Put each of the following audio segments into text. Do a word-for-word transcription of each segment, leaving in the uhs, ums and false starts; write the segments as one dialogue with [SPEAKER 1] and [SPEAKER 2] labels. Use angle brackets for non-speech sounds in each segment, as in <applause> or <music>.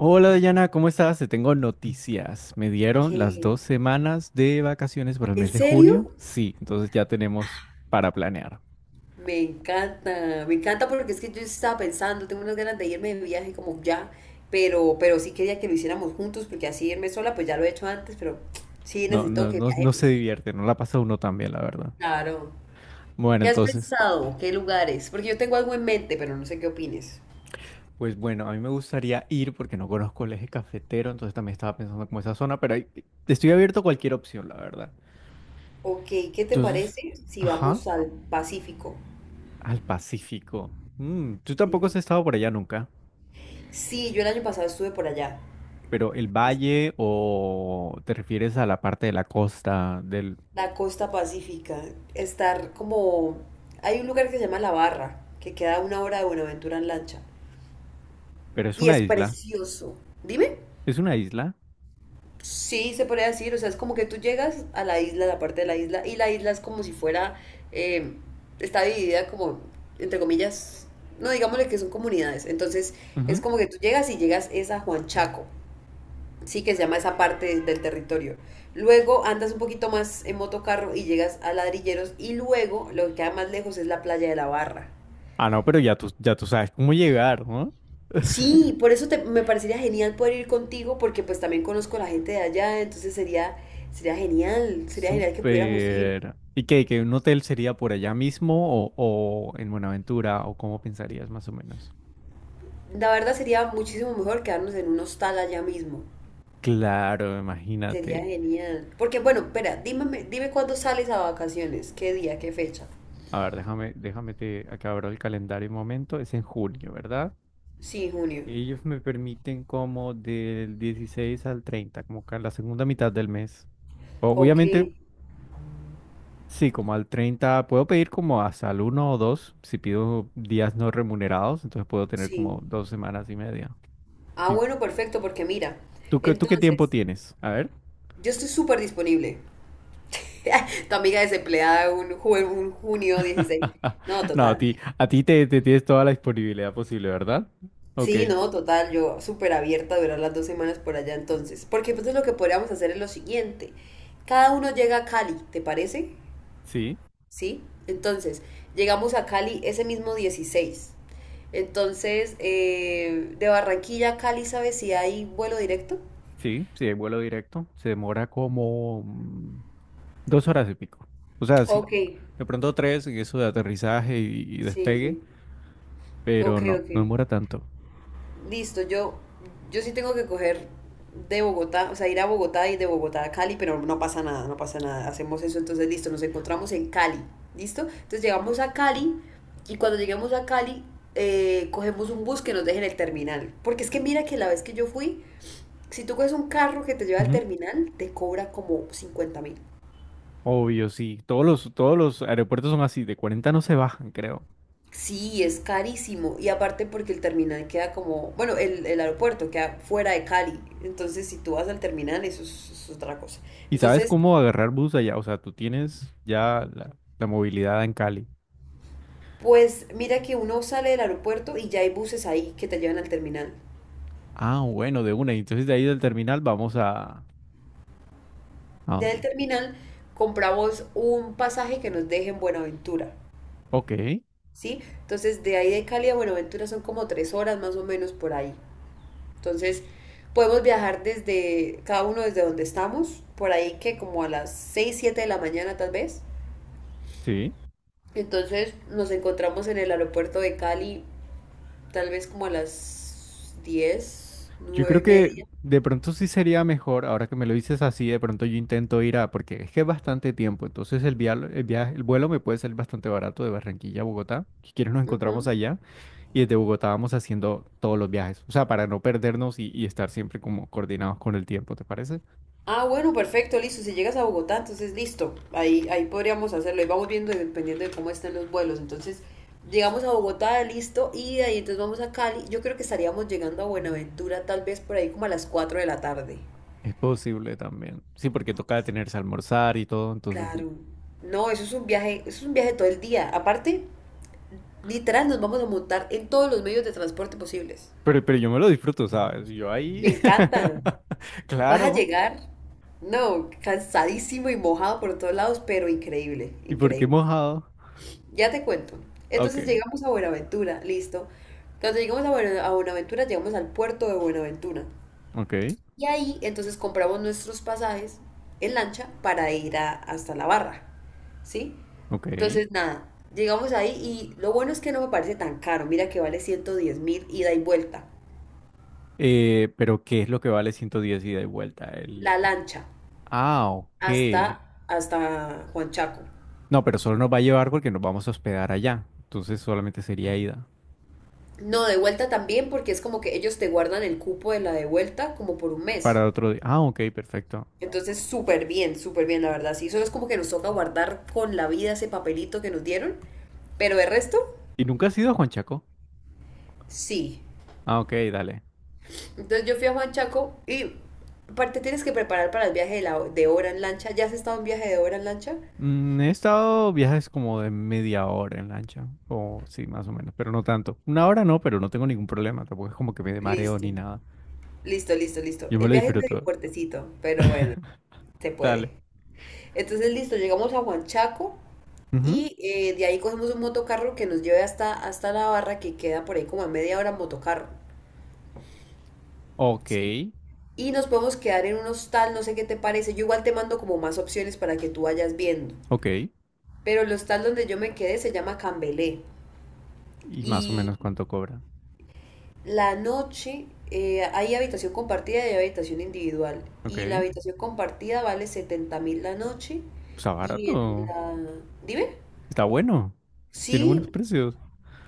[SPEAKER 1] Hola Dayana, ¿cómo estás? Te tengo noticias. Me dieron las
[SPEAKER 2] ¿Qué?
[SPEAKER 1] dos semanas de vacaciones para el
[SPEAKER 2] ¿En
[SPEAKER 1] mes de junio.
[SPEAKER 2] serio?
[SPEAKER 1] Sí, entonces ya tenemos para planear.
[SPEAKER 2] Me encanta, me encanta porque es que yo estaba pensando, tengo unas ganas de irme de viaje como ya, pero, pero sí quería que lo hiciéramos juntos porque así irme sola, pues ya lo he hecho antes, pero sí
[SPEAKER 1] No,
[SPEAKER 2] necesito
[SPEAKER 1] no,
[SPEAKER 2] que
[SPEAKER 1] no, no se
[SPEAKER 2] viajemos.
[SPEAKER 1] divierte, no la pasa uno tan bien, la verdad.
[SPEAKER 2] Claro.
[SPEAKER 1] Bueno,
[SPEAKER 2] ¿Qué has
[SPEAKER 1] entonces,
[SPEAKER 2] pensado? ¿Qué lugares? Porque yo tengo algo en mente, pero no sé qué opines.
[SPEAKER 1] pues bueno, a mí me gustaría ir porque no conozco el eje cafetero, entonces también estaba pensando como esa zona, pero ahí- estoy abierto a cualquier opción, la verdad.
[SPEAKER 2] Ok, ¿qué te
[SPEAKER 1] Entonces,
[SPEAKER 2] parece si
[SPEAKER 1] ajá,
[SPEAKER 2] vamos al Pacífico?
[SPEAKER 1] al Pacífico. Mm, tú tampoco has
[SPEAKER 2] Sí.
[SPEAKER 1] estado por allá nunca.
[SPEAKER 2] Sí, yo el año pasado estuve por allá.
[SPEAKER 1] Pero el valle o te refieres a la parte de la costa del...
[SPEAKER 2] La costa pacífica, estar como... Hay un lugar que se llama La Barra, que queda a una hora de Buenaventura en lancha.
[SPEAKER 1] Pero es
[SPEAKER 2] Y
[SPEAKER 1] una
[SPEAKER 2] es
[SPEAKER 1] isla.
[SPEAKER 2] precioso. Dime.
[SPEAKER 1] Es una isla.
[SPEAKER 2] Sí, se podría decir, o sea, es como que tú llegas a la isla, a la parte de la isla, y la isla es como si fuera, eh, está dividida como, entre comillas, no digámosle que son comunidades. Entonces es
[SPEAKER 1] Ujú.
[SPEAKER 2] como que tú llegas y llegas es a Juan Chaco, sí, que se llama esa parte del territorio. Luego andas un poquito más en motocarro y llegas a Ladrilleros, y luego lo que queda más lejos es la playa de la Barra.
[SPEAKER 1] Ah, no, pero ya tú, ya tú sabes cómo llegar, ¿no?
[SPEAKER 2] Sí, por eso te- me parecería genial poder ir contigo, porque pues también conozco a la gente de allá. Entonces sería, sería genial, sería genial que pudiéramos ir.
[SPEAKER 1] Súper. ¿Y qué? ¿Que un hotel sería por allá mismo o, o en Buenaventura o cómo pensarías más o menos?
[SPEAKER 2] La verdad, sería muchísimo mejor quedarnos en un hostal allá mismo.
[SPEAKER 1] Claro,
[SPEAKER 2] Sería
[SPEAKER 1] imagínate.
[SPEAKER 2] genial. Porque bueno, espera, dime dime cuándo sales a vacaciones, qué día, qué fecha.
[SPEAKER 1] A ver, déjame, déjame te acabar el calendario un momento. Es en junio, ¿verdad?
[SPEAKER 2] Sí, junio.
[SPEAKER 1] Ellos me permiten como del dieciséis al treinta, como que a la segunda mitad del mes.
[SPEAKER 2] Ok,
[SPEAKER 1] Obviamente sí, como al treinta puedo pedir como hasta el uno o dos si pido días no remunerados, entonces puedo tener como
[SPEAKER 2] sí.
[SPEAKER 1] dos semanas y media.
[SPEAKER 2] Ah,
[SPEAKER 1] ¿Y
[SPEAKER 2] bueno, perfecto, porque mira,
[SPEAKER 1] tú qué, tú qué tiempo
[SPEAKER 2] entonces,
[SPEAKER 1] tienes? A ver.
[SPEAKER 2] yo estoy súper disponible. <laughs> Tu amiga desempleada un, ju- un junio dieciséis. No,
[SPEAKER 1] <laughs> No, a
[SPEAKER 2] total.
[SPEAKER 1] ti, a ti te, te tienes toda la disponibilidad posible, ¿verdad? Ok,
[SPEAKER 2] Sí, no, total, yo súper abierta a durar las dos semanas por allá entonces. Porque entonces lo que podríamos hacer es lo siguiente. Cada uno llega a Cali, ¿te parece?
[SPEAKER 1] sí,
[SPEAKER 2] Sí. Entonces, llegamos a Cali ese mismo dieciséis. Entonces, eh, de Barranquilla a Cali, ¿sabes si hay vuelo directo?
[SPEAKER 1] sí, sí, hay vuelo directo. Se demora como mm, dos horas y pico. O sea, sí,
[SPEAKER 2] Ok,
[SPEAKER 1] de pronto tres en eso de aterrizaje y, y
[SPEAKER 2] sí,
[SPEAKER 1] despegue,
[SPEAKER 2] sí.
[SPEAKER 1] pero
[SPEAKER 2] Ok,
[SPEAKER 1] no,
[SPEAKER 2] ok.
[SPEAKER 1] no demora tanto.
[SPEAKER 2] Listo, yo, yo sí tengo que coger de Bogotá, o sea, ir a Bogotá y de Bogotá a Cali, pero no pasa nada, no pasa nada. Hacemos eso, entonces listo, nos encontramos en Cali, ¿listo? Entonces llegamos a Cali, y cuando lleguemos a Cali eh, cogemos un bus que nos deje en el terminal. Porque es que mira que la vez que yo fui, si tú coges un carro que te lleva al terminal, te cobra como cincuenta mil.
[SPEAKER 1] Obvio, sí. Todos los, todos los aeropuertos son así, de cuarenta no se bajan, creo.
[SPEAKER 2] Sí, es carísimo. Y aparte porque el terminal queda como, bueno, el, el aeropuerto queda fuera de Cali. Entonces, si tú vas al terminal, eso es, es otra cosa.
[SPEAKER 1] ¿Y sabes
[SPEAKER 2] Entonces,
[SPEAKER 1] cómo agarrar bus allá? O sea, tú tienes ya la, la movilidad en Cali.
[SPEAKER 2] pues mira que uno sale del aeropuerto y ya hay buses ahí que te llevan al terminal.
[SPEAKER 1] Ah, bueno, de una. Y entonces de ahí del terminal vamos a... ¿A
[SPEAKER 2] Ya del
[SPEAKER 1] dónde?
[SPEAKER 2] terminal compramos un pasaje que nos deje en Buenaventura,
[SPEAKER 1] Ok,
[SPEAKER 2] ¿sí? Entonces, de ahí de Cali a Buenaventura son como tres horas más o menos por ahí. Entonces, podemos viajar desde cada uno desde donde estamos, por ahí que como a las seis siete de la mañana tal vez.
[SPEAKER 1] sí.
[SPEAKER 2] Entonces nos encontramos en el aeropuerto de Cali, tal vez como a las diez
[SPEAKER 1] Yo
[SPEAKER 2] nueve
[SPEAKER 1] creo
[SPEAKER 2] y
[SPEAKER 1] que
[SPEAKER 2] media.
[SPEAKER 1] de pronto sí sería mejor, ahora que me lo dices así, de pronto yo intento ir a... Porque es que es bastante tiempo, entonces el vial- el viaje, el vuelo me puede salir bastante barato de Barranquilla a Bogotá. Si quieres nos encontramos
[SPEAKER 2] Ujú.
[SPEAKER 1] allá. Y desde Bogotá vamos haciendo todos los viajes, o sea, para no perdernos y, y estar siempre como coordinados con el tiempo, ¿te parece?
[SPEAKER 2] Ah, bueno, perfecto, listo. Si llegas a Bogotá, entonces listo. Ahí, ahí podríamos hacerlo. Y vamos viendo dependiendo de cómo estén los vuelos. Entonces, llegamos a Bogotá, listo. Y de ahí entonces vamos a Cali. Yo creo que estaríamos llegando a Buenaventura tal vez por ahí como a las cuatro de la tarde.
[SPEAKER 1] Es posible también. Sí, porque toca detenerse a almorzar y todo, entonces sí.
[SPEAKER 2] Claro. No, eso es un viaje, eso es un viaje todo el día. Aparte, literal, nos vamos a montar en todos los medios de transporte posibles.
[SPEAKER 1] Pero, pero yo me lo disfruto, ¿sabes? Yo ahí.
[SPEAKER 2] Me
[SPEAKER 1] <laughs>
[SPEAKER 2] encantan. Vas a
[SPEAKER 1] Claro.
[SPEAKER 2] llegar, no, cansadísimo y mojado por todos lados, pero increíble,
[SPEAKER 1] ¿Y por qué
[SPEAKER 2] increíble.
[SPEAKER 1] mojado?
[SPEAKER 2] Ya te cuento.
[SPEAKER 1] Ok,
[SPEAKER 2] Entonces llegamos a Buenaventura, listo. Cuando llegamos a Buena- a Buenaventura, llegamos al puerto de Buenaventura.
[SPEAKER 1] ok,
[SPEAKER 2] Y ahí entonces compramos nuestros pasajes en lancha para ir a- hasta la barra, ¿sí?
[SPEAKER 1] ok.
[SPEAKER 2] Entonces nada, llegamos ahí, y lo bueno es que no me parece tan caro. Mira que vale ciento diez mil ida y vuelta.
[SPEAKER 1] Eh, pero ¿qué es lo que vale ciento diez mil ida y vuelta? El...
[SPEAKER 2] La
[SPEAKER 1] ti-
[SPEAKER 2] lancha
[SPEAKER 1] Ah, ok.
[SPEAKER 2] hasta, hasta Juanchaco.
[SPEAKER 1] No, pero solo nos va a llevar porque nos vamos a hospedar allá. Entonces solamente sería ida.
[SPEAKER 2] No, de vuelta también, porque es como que ellos te guardan el cupo de la de vuelta como por un mes.
[SPEAKER 1] Para otro día. Ah, ok, perfecto.
[SPEAKER 2] Entonces, súper bien, súper bien, la verdad. Sí, solo es como que nos toca guardar con la vida ese papelito que nos dieron. Pero de resto,
[SPEAKER 1] ¿Y nunca has ido a Juanchaco?
[SPEAKER 2] sí.
[SPEAKER 1] Ah, ok, dale.
[SPEAKER 2] Entonces yo fui a Juanchaco, y aparte tienes que preparar para el viaje de, la, de hora en lancha. ¿Ya has estado en viaje de hora en lancha?
[SPEAKER 1] Mm, he estado viajes como de media hora en lancha, o sí, más o menos, pero no tanto. Una hora no, pero no tengo ningún problema, tampoco es como que me dé mareo
[SPEAKER 2] Listo,
[SPEAKER 1] ni nada.
[SPEAKER 2] listo, listo, listo.
[SPEAKER 1] Yo me
[SPEAKER 2] El
[SPEAKER 1] lo
[SPEAKER 2] viaje es medio
[SPEAKER 1] disfruto.
[SPEAKER 2] fuertecito, pero bueno, se
[SPEAKER 1] Dale.
[SPEAKER 2] puede. Entonces, listo, llegamos a Juanchaco.
[SPEAKER 1] Ujú.
[SPEAKER 2] Y eh, de ahí cogemos un motocarro que nos lleve hasta, hasta la barra, que queda por ahí como a media hora en motocarro.
[SPEAKER 1] Ok,
[SPEAKER 2] Sí. Y nos podemos quedar en un hostal, no sé qué te parece. Yo igual te mando como más opciones para que tú vayas viendo.
[SPEAKER 1] ok.
[SPEAKER 2] Pero el hostal donde yo me quedé se llama Cambelé.
[SPEAKER 1] ¿Y más o
[SPEAKER 2] Y
[SPEAKER 1] menos cuánto cobra?
[SPEAKER 2] la noche eh, hay habitación compartida y hay habitación individual.
[SPEAKER 1] Ok.
[SPEAKER 2] Y la habitación compartida vale setenta mil la noche.
[SPEAKER 1] Está
[SPEAKER 2] Y en
[SPEAKER 1] barato.
[SPEAKER 2] la... Dime.
[SPEAKER 1] Está bueno. Tiene buenos
[SPEAKER 2] Sí,
[SPEAKER 1] precios.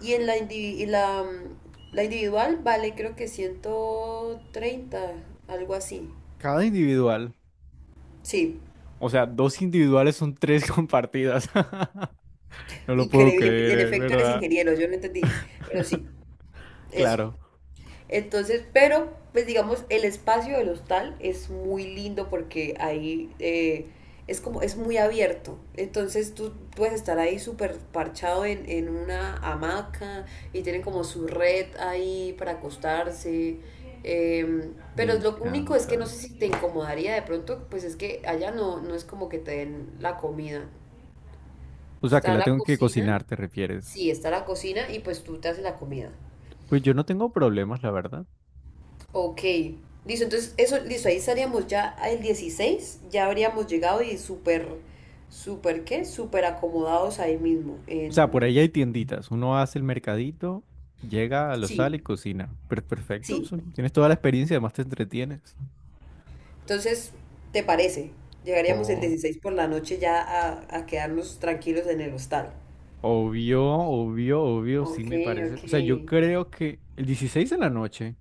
[SPEAKER 2] Y en la, indivi- y la, mm, la individual vale creo que ciento treinta, algo así.
[SPEAKER 1] Cada individual.
[SPEAKER 2] Sí.
[SPEAKER 1] O sea, dos individuales son tres <laughs> compartidas. <laughs> No lo puedo
[SPEAKER 2] Increíble,
[SPEAKER 1] creer,
[SPEAKER 2] en
[SPEAKER 1] ¿eh?
[SPEAKER 2] efecto eres
[SPEAKER 1] ¿Verdad?
[SPEAKER 2] ingeniero, yo no entendí, pero sí, eso.
[SPEAKER 1] Claro.
[SPEAKER 2] Entonces, pero, pues digamos, el espacio del hostal es muy lindo, porque ahí eh, es como, es muy abierto. Entonces tú puedes estar ahí súper parchado en, en una hamaca, y tienen como su red ahí para acostarse. Eh,
[SPEAKER 1] Me
[SPEAKER 2] pero lo único es que no
[SPEAKER 1] encanta.
[SPEAKER 2] sé si te incomodaría de pronto, pues es que allá no, no es como que te den la comida.
[SPEAKER 1] O sea, ¿que
[SPEAKER 2] Está
[SPEAKER 1] la
[SPEAKER 2] la
[SPEAKER 1] tengo que
[SPEAKER 2] cocina,
[SPEAKER 1] cocinar, te refieres?
[SPEAKER 2] sí, está la cocina y pues tú te haces la comida.
[SPEAKER 1] Pues yo no tengo problemas, la verdad.
[SPEAKER 2] Ok, listo, entonces eso, listo, ahí estaríamos ya el dieciséis, ya habríamos llegado y súper, súper, ¿qué? Súper acomodados ahí mismo,
[SPEAKER 1] O sea, por
[SPEAKER 2] en...
[SPEAKER 1] ahí hay tienditas. Uno hace el mercadito, llega, lo sale y
[SPEAKER 2] Sí,
[SPEAKER 1] cocina. Pero perfecto, o
[SPEAKER 2] sí,
[SPEAKER 1] sea, tienes toda la experiencia, además te entretienes.
[SPEAKER 2] entonces, ¿te parece? Llegaríamos el
[SPEAKER 1] O-
[SPEAKER 2] dieciséis por la noche ya a, a quedarnos tranquilos en el hostal.
[SPEAKER 1] Obvio, obvio, obvio, sí
[SPEAKER 2] Ok,
[SPEAKER 1] me
[SPEAKER 2] ok.
[SPEAKER 1] parece. O sea, yo creo que el dieciséis de la noche.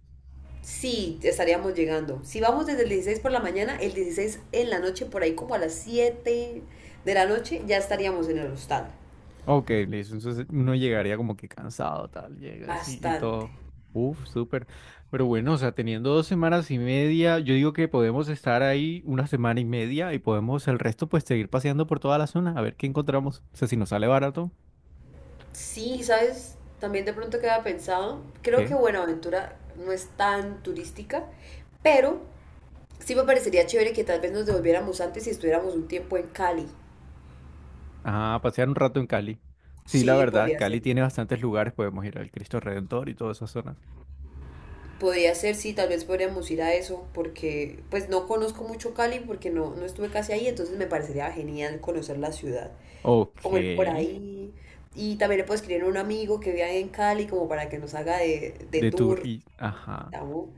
[SPEAKER 2] Sí, estaríamos llegando. Si vamos desde el dieciséis por la mañana, el dieciséis en la noche, por ahí como a las siete de la noche, ya estaríamos en el hostal.
[SPEAKER 1] Ok, listo. Entonces uno llegaría como que cansado, tal, llegas y, y
[SPEAKER 2] Bastante.
[SPEAKER 1] todo. Uf, súper. Pero bueno, o sea, teniendo dos semanas y media, yo digo que podemos estar ahí una semana y media y podemos el resto pues seguir paseando por toda la zona, a ver qué encontramos. O sea, si nos sale barato,
[SPEAKER 2] Sí, ¿sabes? También de pronto queda pensado. Creo que
[SPEAKER 1] ¿qué?
[SPEAKER 2] Buenaventura no es tan turística, pero sí me parecería chévere que tal vez nos devolviéramos antes y estuviéramos un tiempo en Cali.
[SPEAKER 1] Ah, pasear un rato en Cali. Sí, la
[SPEAKER 2] Sí,
[SPEAKER 1] verdad,
[SPEAKER 2] podría
[SPEAKER 1] Cali
[SPEAKER 2] ser.
[SPEAKER 1] tiene bastantes lugares, podemos ir al Cristo Redentor y todas esas zonas.
[SPEAKER 2] Podría ser, sí, tal vez podríamos ir a eso, porque pues no conozco mucho Cali porque no, no estuve casi ahí. Entonces me parecería genial conocer la ciudad,
[SPEAKER 1] Ok,
[SPEAKER 2] como ir por
[SPEAKER 1] de
[SPEAKER 2] ahí. Y también le puedo escribir a un amigo que vive ahí en Cali como para que nos haga de, de tour.
[SPEAKER 1] Turquía, ajá.
[SPEAKER 2] ¿No?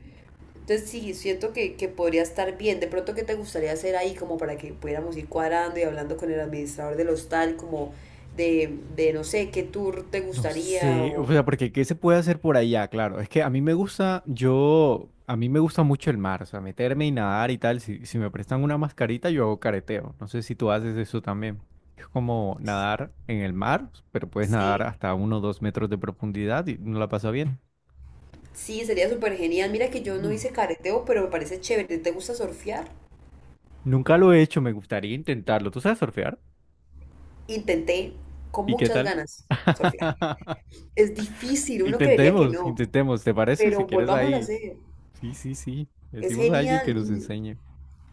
[SPEAKER 2] Entonces sí, siento que, que podría estar bien. De pronto, ¿qué te gustaría hacer ahí como para que pudiéramos ir cuadrando y hablando con el administrador del hostal, como de, de no sé, qué tour te
[SPEAKER 1] No
[SPEAKER 2] gustaría
[SPEAKER 1] sé, o
[SPEAKER 2] o...
[SPEAKER 1] sea, porque ¿qué se puede hacer por allá? Claro, es que a mí me gusta, yo, a mí me gusta mucho el mar, o sea, meterme y nadar y tal. Si, si me prestan una mascarita, yo hago careteo. No sé si tú haces eso también. Es como nadar en el mar, pero puedes nadar
[SPEAKER 2] Sí,
[SPEAKER 1] hasta uno o dos metros de profundidad y no la pasa bien.
[SPEAKER 2] sí, sería súper genial. Mira que yo no
[SPEAKER 1] Sí.
[SPEAKER 2] hice careteo, pero me parece chévere. ¿Te gusta surfear?
[SPEAKER 1] Nunca lo he hecho, me gustaría intentarlo. ¿Tú sabes surfear?
[SPEAKER 2] Intenté con
[SPEAKER 1] ¿Y qué
[SPEAKER 2] muchas
[SPEAKER 1] tal?
[SPEAKER 2] ganas surfear.
[SPEAKER 1] <laughs>
[SPEAKER 2] Es difícil, uno creería que
[SPEAKER 1] Intentemos,
[SPEAKER 2] no,
[SPEAKER 1] intentemos, ¿te parece? Si
[SPEAKER 2] pero
[SPEAKER 1] quieres
[SPEAKER 2] volvamos a
[SPEAKER 1] ahí.
[SPEAKER 2] hacer.
[SPEAKER 1] Sí, sí, sí.
[SPEAKER 2] Es
[SPEAKER 1] Decimos a alguien que
[SPEAKER 2] genial.
[SPEAKER 1] nos enseñe.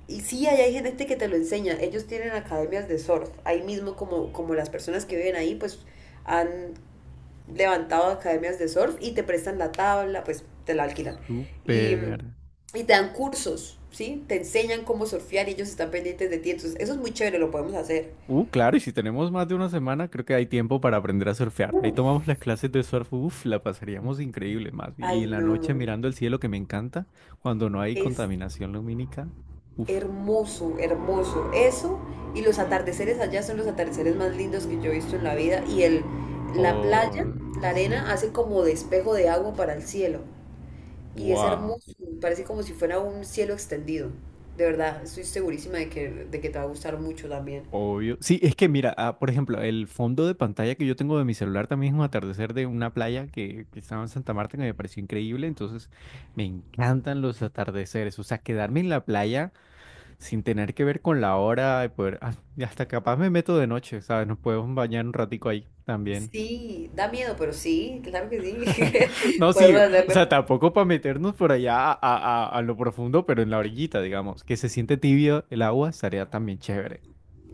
[SPEAKER 2] Y sí, ahí hay gente este que te lo enseña. Ellos tienen academias de surf. Ahí mismo, como, como las personas que viven ahí, pues han levantado academias de surf, y te prestan la tabla, pues te la alquilan. Y,
[SPEAKER 1] Súper.
[SPEAKER 2] y te dan cursos, ¿sí? Te enseñan cómo surfear y ellos están pendientes de ti. Entonces, eso es muy chévere, lo podemos hacer.
[SPEAKER 1] Uh, claro, y si tenemos más de una semana, creo que hay tiempo para aprender a surfear. Ahí tomamos las clases de surf, uf, la pasaríamos increíble más.
[SPEAKER 2] Ay,
[SPEAKER 1] Y en la noche
[SPEAKER 2] no.
[SPEAKER 1] mirando el cielo, que me encanta, cuando no hay
[SPEAKER 2] Es
[SPEAKER 1] contaminación lumínica, uf.
[SPEAKER 2] hermoso, hermoso. Eso y los atardeceres allá son los atardeceres más lindos que yo he visto en la vida. Y el, la playa,
[SPEAKER 1] Oh,
[SPEAKER 2] la
[SPEAKER 1] sí.
[SPEAKER 2] arena, hace como de espejo de agua para el cielo. Y es
[SPEAKER 1] Wow.
[SPEAKER 2] hermoso, parece como si fuera un cielo extendido. De verdad, estoy segurísima de que, de que te va a gustar mucho también.
[SPEAKER 1] Obvio. Sí, es que mira, ah, por ejemplo, el fondo de pantalla que yo tengo de mi celular también es un atardecer de una playa que, que estaba en Santa Marta que me pareció increíble. Entonces, me encantan los atardeceres. O sea, quedarme en la playa sin tener que ver con la hora, y poder, ah, y hasta capaz me meto de noche, ¿sabes? Nos podemos bañar un ratico ahí también.
[SPEAKER 2] Sí, da miedo, pero sí, claro que
[SPEAKER 1] <laughs>
[SPEAKER 2] sí.
[SPEAKER 1] No,
[SPEAKER 2] <laughs>
[SPEAKER 1] sí,
[SPEAKER 2] Podemos
[SPEAKER 1] o
[SPEAKER 2] hacerlo.
[SPEAKER 1] sea, tampoco para meternos por allá a, a- a- a lo profundo, pero en la orillita, digamos, que se siente tibio el agua, estaría también chévere.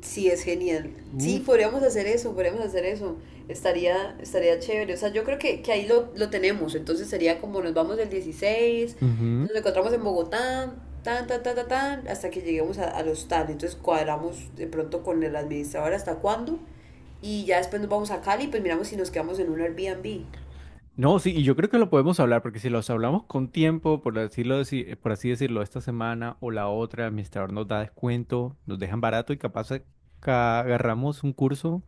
[SPEAKER 2] Sí, es genial. Sí,
[SPEAKER 1] Uf.
[SPEAKER 2] podríamos hacer eso, podríamos hacer eso. Estaría, estaría chévere. O sea, yo creo que, que ahí lo, lo tenemos. Entonces sería como nos vamos el dieciséis,
[SPEAKER 1] Ujú.
[SPEAKER 2] nos encontramos en Bogotá, tan, tan, tan, tan, tan, hasta que lleguemos a, al hostal. Entonces cuadramos de pronto con el administrador hasta cuándo. Y ya después nos vamos a Cali, pues miramos si nos quedamos en un Airbnb.
[SPEAKER 1] No, sí, y yo creo que lo podemos hablar, porque si los hablamos con tiempo, por decirlo, así- eh, por así decirlo, esta semana o la otra, el administrador nos da descuento, nos dejan barato y capaz eh, ca- agarramos un curso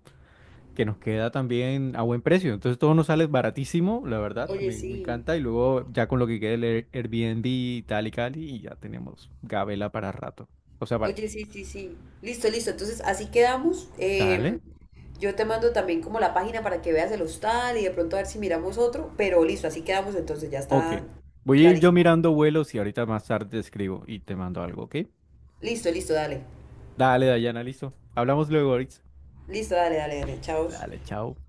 [SPEAKER 1] que nos queda también a buen precio. Entonces todo nos sale baratísimo, la verdad,
[SPEAKER 2] Oye,
[SPEAKER 1] me, me
[SPEAKER 2] sí.
[SPEAKER 1] encanta. Y luego ya con lo que quede el Air- Airbnb y tal y tal, y ya tenemos gabela para rato. O sea, para...
[SPEAKER 2] Oye, sí, sí, sí. Listo, listo. Entonces, así quedamos. Em,
[SPEAKER 1] Dale.
[SPEAKER 2] yo te mando también como la página para que veas el hostal y de pronto a ver si miramos otro. Pero listo, así quedamos. Entonces, ya
[SPEAKER 1] Ok.
[SPEAKER 2] está
[SPEAKER 1] Voy a ir yo
[SPEAKER 2] clarísimo.
[SPEAKER 1] mirando vuelos y ahorita más tarde te escribo y te mando algo, ¿ok?
[SPEAKER 2] Listo, listo, dale.
[SPEAKER 1] Dale, Dayana, listo. Hablamos luego, Oritz.
[SPEAKER 2] Listo, dale, dale, dale. Chao.
[SPEAKER 1] Dale, chao.